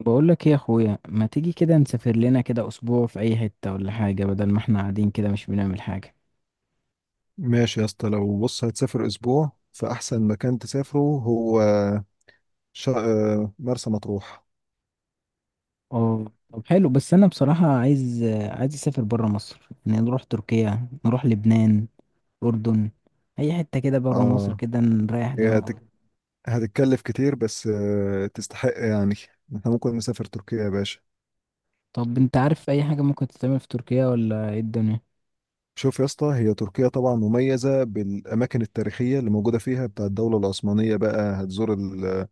بقول لك ايه يا اخويا؟ ما تيجي كده نسافر لنا كده اسبوع في اي حتة ولا حاجة، بدل ما احنا قاعدين كده مش بنعمل حاجة. ماشي يا اسطى، بص، هتسافر اسبوع فاحسن مكان تسافره هو شا... آه، مرسى مطروح. اه، طب حلو، بس انا بصراحة عايز، عايز اسافر برا مصر، يعني نروح تركيا، نروح لبنان، اردن، اي حتة كده برا مصر اه. كده نريح هي دماغنا. هتك... هتتكلف كتير، بس تستحق يعني. احنا ممكن نسافر تركيا يا باشا. طب انت عارف اي حاجة ممكن تتعمل في تركيا ولا ايه الدنيا؟ شوف يا اسطى، هي تركيا طبعا مميزة بالأماكن التاريخية اللي موجودة فيها بتاع الدولة العثمانية. بقى هتزور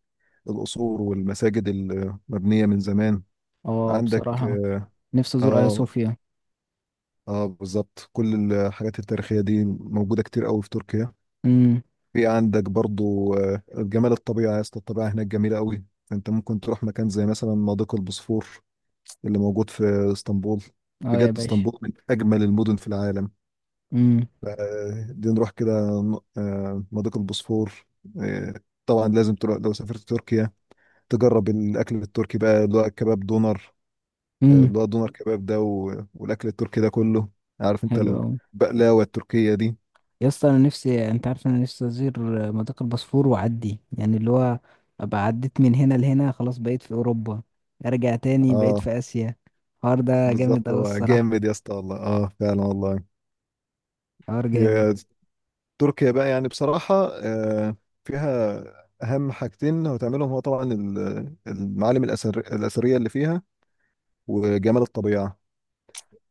القصور والمساجد المبنية من زمان. اه عندك بصراحة اه. نفسي ازور ايا اه، صوفيا. بالظبط، كل الحاجات التاريخية دي موجودة كتير قوي في تركيا. امم في عندك برضو جمال الطبيعة يا اسطى. الطبيعة هناك جميلة قوي. انت ممكن تروح مكان زي مثلا مضيق البوسفور اللي موجود في اسطنبول. اه يا بجد باشا. اسطنبول من أجمل المدن في العالم. امم ف- دي نروح كده، مضيق البوسفور. آه، طبعا لازم تروح، لو سافرت تركيا تجرب الأكل التركي بقى اللي هو كباب دونر. امم اللي هو دونر كباب ده، والأكل التركي ده كله، عارف انت، حلو أوي. البقلاوة التركية دي. يا اسطى انا نفسي، انت عارف انا نفسي ازور مضيق البوسفور واعدي، يعني اللي هو ابقى عديت من هنا لهنا، خلاص بقيت في اوروبا، ارجع تاني بقيت اه في اسيا. الحوار ده جامد بالظبط، اوي هو الصراحه. جامد يا اسطى والله. اه فعلا والله. حوار جامد. هي تركيا بقى يعني بصراحة آه، فيها أهم حاجتين هتعملهم، هو طبعا المعالم الأثرية اللي فيها وجمال الطبيعة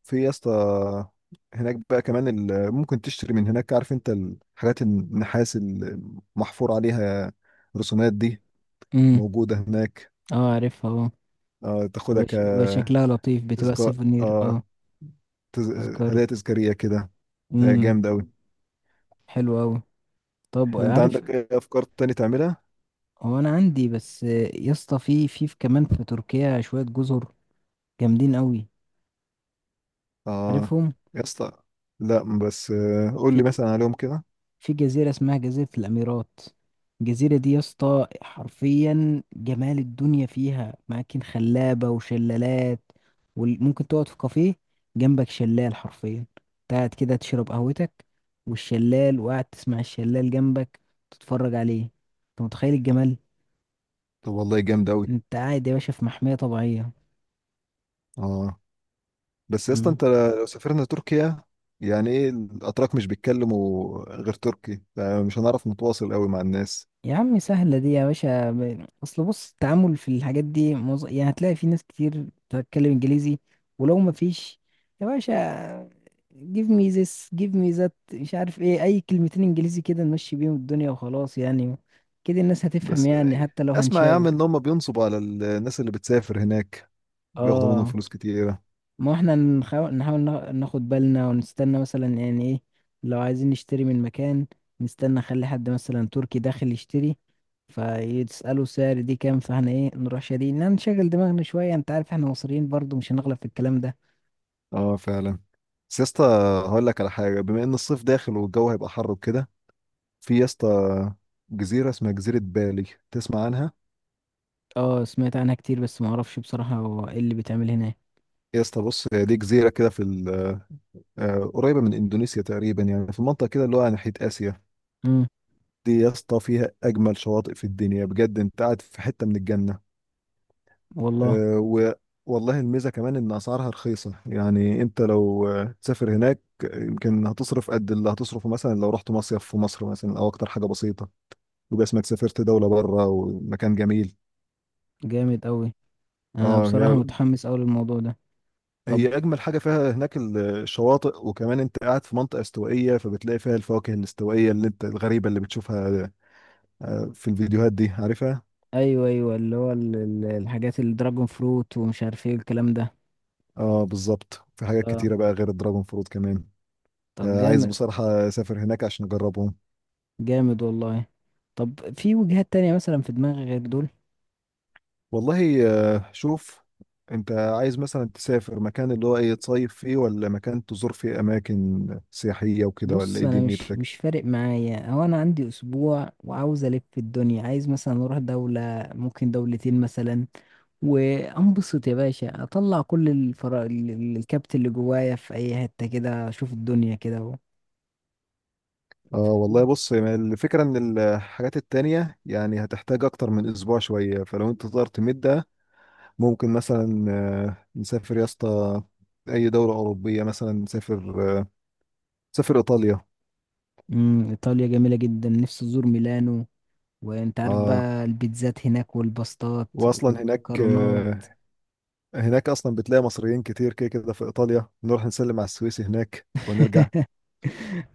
في يا اسطى. هناك بقى كمان ممكن تشتري من هناك، عارف انت، الحاجات النحاس المحفور عليها رسومات دي، امم موجودة هناك. اه عارفها اه. بيبقى بيبقى تاخدها شكلها لطيف، بتبقى كتذكار. سيفونير اه. تز- تذكار. هدايا تذكارية كده. امم جامد أوي. حلو اوي. طب انت عارف، عندك ايه أفكار تاني تعملها؟ هو انا عندي بس يا اسطى في كمان في تركيا شويه جزر جامدين اوي، اه عارفهم؟ يا اسطى. لا، بس قول في لي مثلا عليهم كده. في جزيرة اسمها جزيرة الأميرات. الجزيرة دي يا اسطى حرفيا جمال الدنيا، فيها أماكن خلابة وشلالات، وممكن تقعد في كافيه جنبك شلال، حرفيا قاعد كده تشرب قهوتك والشلال، وقاعد تسمع الشلال جنبك، تتفرج عليه، انت متخيل الجمال؟ طب والله جامد قوي. انت قاعد يا باشا في محمية طبيعية. اه، بس يا اسطى، مم. انت لو سافرنا تركيا، يعني ايه الاتراك مش بيتكلموا غير تركي، فمش هنعرف نتواصل قوي مع الناس. يا عم سهلة دي يا باشا، أصل بص التعامل في الحاجات دي يعني هتلاقي في ناس كتير بتتكلم إنجليزي، ولو ما فيش، يا باشا give me this give me that، مش عارف إيه، أي كلمتين إنجليزي كده نمشي بيهم الدنيا وخلاص يعني. كده الناس هتفهم، بس يعني حتى لو اسمع يا عم، هنشاور. ان هم بينصبوا على الناس اللي بتسافر هناك، بياخدوا منهم آه، فلوس كتيرة. ما هو احنا نحاول، ناخد بالنا ونستنى مثلا، يعني ايه، لو عايزين نشتري من مكان، نستنى خلي حد مثلا تركي داخل يشتري فيسأله سعر دي كام، فاحنا ايه نروح شاريين؟ لا، نشغل دماغنا شوية، انت عارف احنا مصريين برضو مش هنغلب في الكلام ده. اه فعلا. بس يا اسطى، هقول لك على حاجة، بما ان الصيف داخل والجو هيبقى حر وكده، في يا اسطى جزيرة اسمها جزيرة بالي. تسمع عنها؟ اه سمعت عنها كتير، بس ما اعرفش بصراحة هو ايه اللي بيتعمل هناك. يا اسطى بص، هي دي جزيرة كده في ال- آه، قريبة من إندونيسيا تقريبا يعني، في منطقة كده اللي هو على ناحية آسيا. امم دي يا اسطى فيها أجمل شواطئ في الدنيا، بجد أنت قاعد في حتة من الجنة. والله آه، و والله الميزة كمان إن أسعارها رخيصة. يعني أنت لو تسافر هناك، يمكن هتصرف قد اللي هتصرفه مثلا لو رحت مصيف في مصر، مثلا، أو أكتر حاجة بسيطة، يبقى اسمك سافرت دولة بره ومكان جميل. جامد قوي. انا اه. هي بصراحة متحمس قوي للموضوع ده. طب، هي اجمل حاجه فيها هناك الشواطئ، وكمان انت قاعد في منطقه استوائيه، فبتلاقي فيها الفواكه الاستوائيه اللي انت الغريبه اللي بتشوفها في الفيديوهات دي، عارفها. ايوه ايوه، اللي هو الحاجات الدراجون فروت ومش عارف ايه الكلام ده. اه بالظبط، في حاجات اه كتيره بقى غير الدراجون فروت كمان. طب عايز جامد. بصراحه اسافر هناك عشان اجربهم. جامد والله. طب في وجهات تانية مثلا في دماغي غير دول؟ والله شوف، انت عايز مثلا تسافر مكان اللي هو ايه، تصيف فيه، ولا مكان تزور فيه اماكن سياحيه وكده، ولا بص، ايه انا مش دنيتك؟ فارق معايا، هو انا عندي اسبوع وعاوز الف في الدنيا، عايز مثلا اروح دولة، ممكن دولتين مثلا، وانبسط يا باشا، اطلع كل الكبت اللي جوايا في اي حتة كده، اشوف الدنيا كده و... اه والله، بص يعني الفكرة ان الحاجات التانية يعني هتحتاج اكتر من اسبوع شوية، فلو انت تقدر تمدها، ممكن مثلا نسافر يا اسطى اي دولة اوروبية، مثلا نسافر ايطاليا. ايطاليا جميلة جدا، نفسي ازور ميلانو. وانت عارف اه، بقى البيتزات هناك والباستات واصلا هناك والمكرونات. اصلا بتلاقي مصريين كتير كده كده في ايطاليا، نروح نسلم على السويسي هناك ونرجع.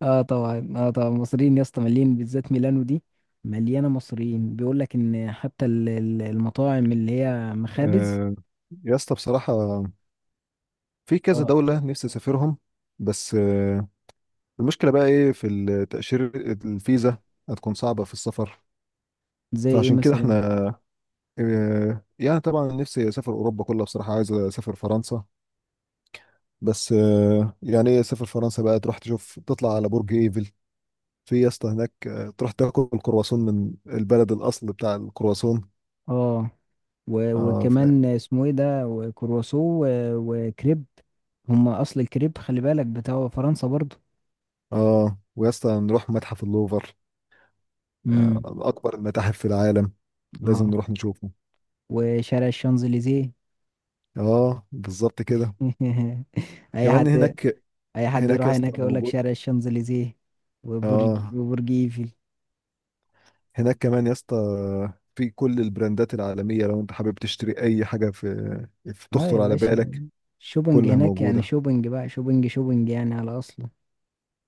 اه طبعا اه طبعا، مصريين يا اسطى مليين، بالذات ميلانو دي مليانه مصريين، بيقول لك ان حتى المطاعم اللي هي مخابز. آه، يا اسطى بصراحة، في كذا اه. دولة نفسي اسافرهم. بس المشكلة بقى ايه في التأشيرة، الفيزا هتكون صعبة في السفر. زي ايه فعشان كده مثلا؟ احنا اه، يعني طبعا نفسي اسافر اوروبا كلها. بصراحه عايز اسافر فرنسا. بس يعني ايه، اسافر فرنسا بقى تروح تشوف، تطلع على برج ايفل. في يا اسطى هناك تروح تاكل الكرواسون من البلد الاصل بتاع الكرواسون. اه، اه وكمان اسمه ايه ده، وكرواسو، وكريب. هم اصل الكريب خلي بالك بتاع فرنسا برضو. اه، ويا اسطى نروح متحف اللوفر، اه، امم اكبر المتاحف في العالم، لازم اه. نروح نشوفه. وشارع الشانزليزيه. اه بالظبط كده، اي كمان حد، هناك. اي حد يروح يا اسطى هناك يقول لك موجود. شارع الشانزليزيه. اه، وبرج ايفل. هناك كمان يا اسطى في كل البراندات العالمية، لو انت حابب تشتري اي حاجة في اه يا تخطر على باشا. بالك، شوبنج كلها هناك يعني، موجودة. شوبنج بقى، شوبنج يعني على اصله.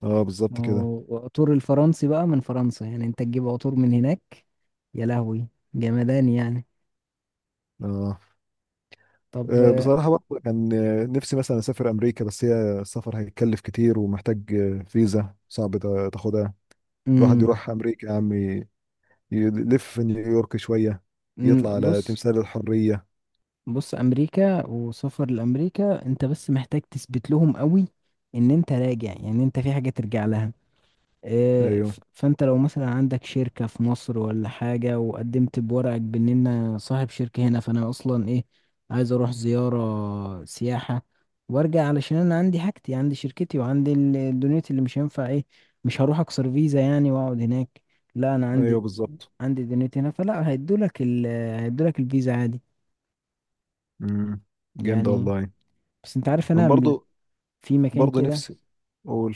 اه ما بالظبط كده. هو وعطور الفرنسي بقى من فرنسا يعني، انت تجيب عطور من هناك. يا لهوي، جمدان يعني. اه، طب، بصراحة برضه كان نفسي مثلا أسافر أمريكا، بس هي السفر هيتكلف كتير ومحتاج فيزا صعب تاخدها. الواحد امم يروح أمريكا يا عم، يلف في نيويورك شوية، أمم، يطلع على بص. تمثال الحرية. بص امريكا، وسفر لامريكا انت بس محتاج تثبت لهم قوي ان انت راجع، يعني انت في حاجة ترجع لها. آه، أيوه. فانت لو مثلا عندك شركة في مصر ولا حاجة وقدمت بورقك بان انا صاحب شركة هنا، فانا اصلا ايه، عايز اروح زيارة سياحة وارجع، علشان انا عندي حاجتي، عندي شركتي، وعندي الدنيا اللي مش هينفع ايه، مش هروح اكسر فيزا يعني واقعد هناك، لا انا عندي، أيوه بالظبط. عندي دنيتي هنا، فلا هيدولك الفيزا عادي امم جامدة يعني. والله. بس انت عارف أنا انا من، برضه، في مكان كده نفسي أقول،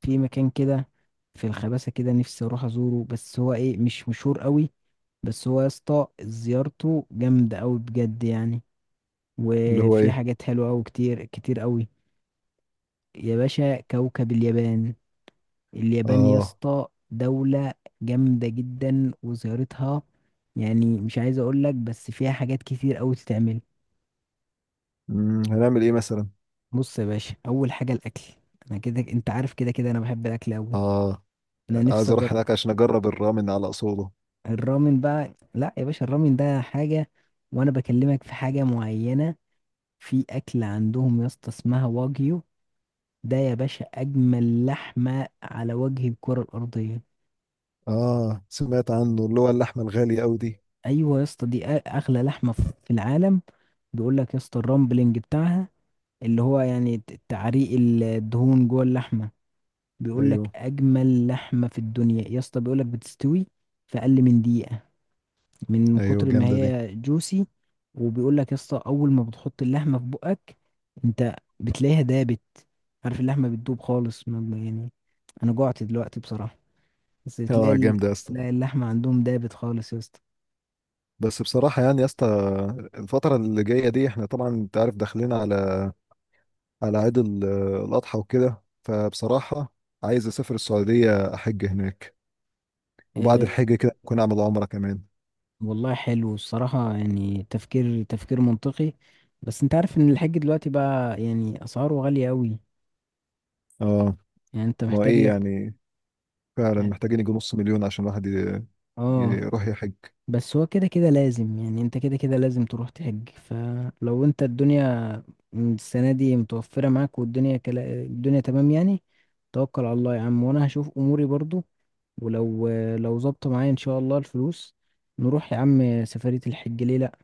في مكان كده في الخباسة كده نفسي اروح ازوره، بس هو ايه مش مشهور قوي، بس هو يا اسطى زيارته جامدة قوي بجد يعني، اللي هو وفي إيه؟ حاجات حلوة قوي، كتير قوي. يا باشا، كوكب اليابان. اليابان يا آه اسطى دولة جامدة جدا، وزيارتها يعني مش عايز اقول لك، بس فيها حاجات كتير قوي تتعمل. هنعمل ايه مثلا؟ بص يا باشا، اول حاجة الاكل. انا كده انت عارف، كده كده انا بحب الاكل قوي، اه، انا نفسي عايز اروح اجرب. هناك عشان اجرب الرامن على اصوله. الرامن بقى، لا يا باشا الرامن ده حاجة، وانا بكلمك في حاجة معينة. في اكل عندهم يا اسطى اسمها واجيو، ده يا باشا اجمل لحمة على وجه الكرة الارضية. اه سمعت عنه، اللي هو اللحمه الغاليه قوي دي. ايوه يا اسطى، دي اغلى لحمة في العالم. بيقول لك يا اسطى الرامبلنج بتاعها، اللي هو يعني تعريق الدهون جوه اللحمة، بيقول لك ايوه، اجمل لحمة في الدنيا يا اسطى، بيقول لك بتستوي في اقل من دقيقة من ايوه كتر ما جامده دي. هي جوسي. وبيقول لك يا اسطى اول ما بتحط اللحمه في بقك انت بتلاقيها دابت، عارف اللحمه بتدوب خالص، يعني انا جوعت دلوقتي بصراحه. بس تلاقي اه جامده يا اسطى. تلاقي اللحمه عندهم دابت خالص يا اسطى. بس بصراحه يعني يا اسطى، الفتره اللي جايه دي احنا طبعا انت عارف داخلين على عيد الاضحى وكده، فبصراحه عايز اسافر السعوديه احج هناك، وبعد إيه، الحج كده ممكن اعمل عمره كمان. والله حلو الصراحه، يعني تفكير، تفكير منطقي. بس انت عارف ان الحاج دلوقتي بقى يعني اسعاره غاليه قوي، اه يعني انت ما هو محتاج ايه لك، يعني، فعلا مح- محتاجين يجي 500,000 عشان الواحد اه. يروح يحج. بس هو كده كده لازم، يعني انت كده كده لازم تروح تحج، فلو انت الدنيا، السنة دي متوفرة معاك والدنيا كلا الدنيا تمام يعني، توكل على الله يا عم وانا هشوف اموري برضو. ولو، لو ظبط معايا ان شاء الله الفلوس، نروح يا عم سفرية الحج، ليه لا.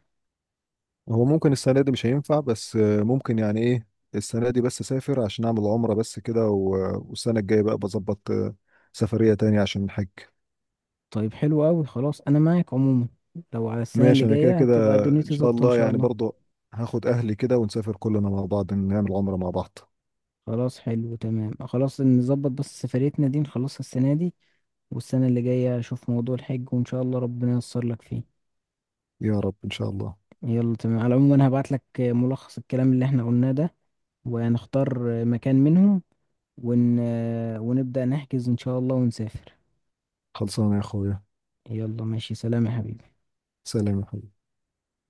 هو ممكن السنة دي مش هينفع، بس ممكن يعني ايه، السنة دي بس اسافر عشان اعمل عمرة بس كده، والسنة الجاية بقى بظبط سفرية تانية عشان الحج. طيب حلو قوي، خلاص انا معاك عموما، لو على السنة اللي ماشي، انا كده جاية هتبقى كده ان دنيتي شاء ظابطة ان الله شاء يعني الله. برضو هاخد اهلي كده، ونسافر كلنا مع بعض نعمل عمرة مع بعض. خلاص حلو تمام، خلاص نظبط بس سفريتنا دي نخلصها السنة دي، والسنة اللي جاية أشوف موضوع الحج، وإن شاء الله ربنا ييسر لك فيه. يا رب ان شاء الله. يلا تمام، على العموم انا هبعت لك ملخص الكلام اللي احنا قلناه ده، ونختار مكان منهم، ون... ونبدأ نحجز ان شاء الله ونسافر. خلصانة يا اخويا. يلا ماشي، سلام يا حبيبي. سلام يا حبيبي.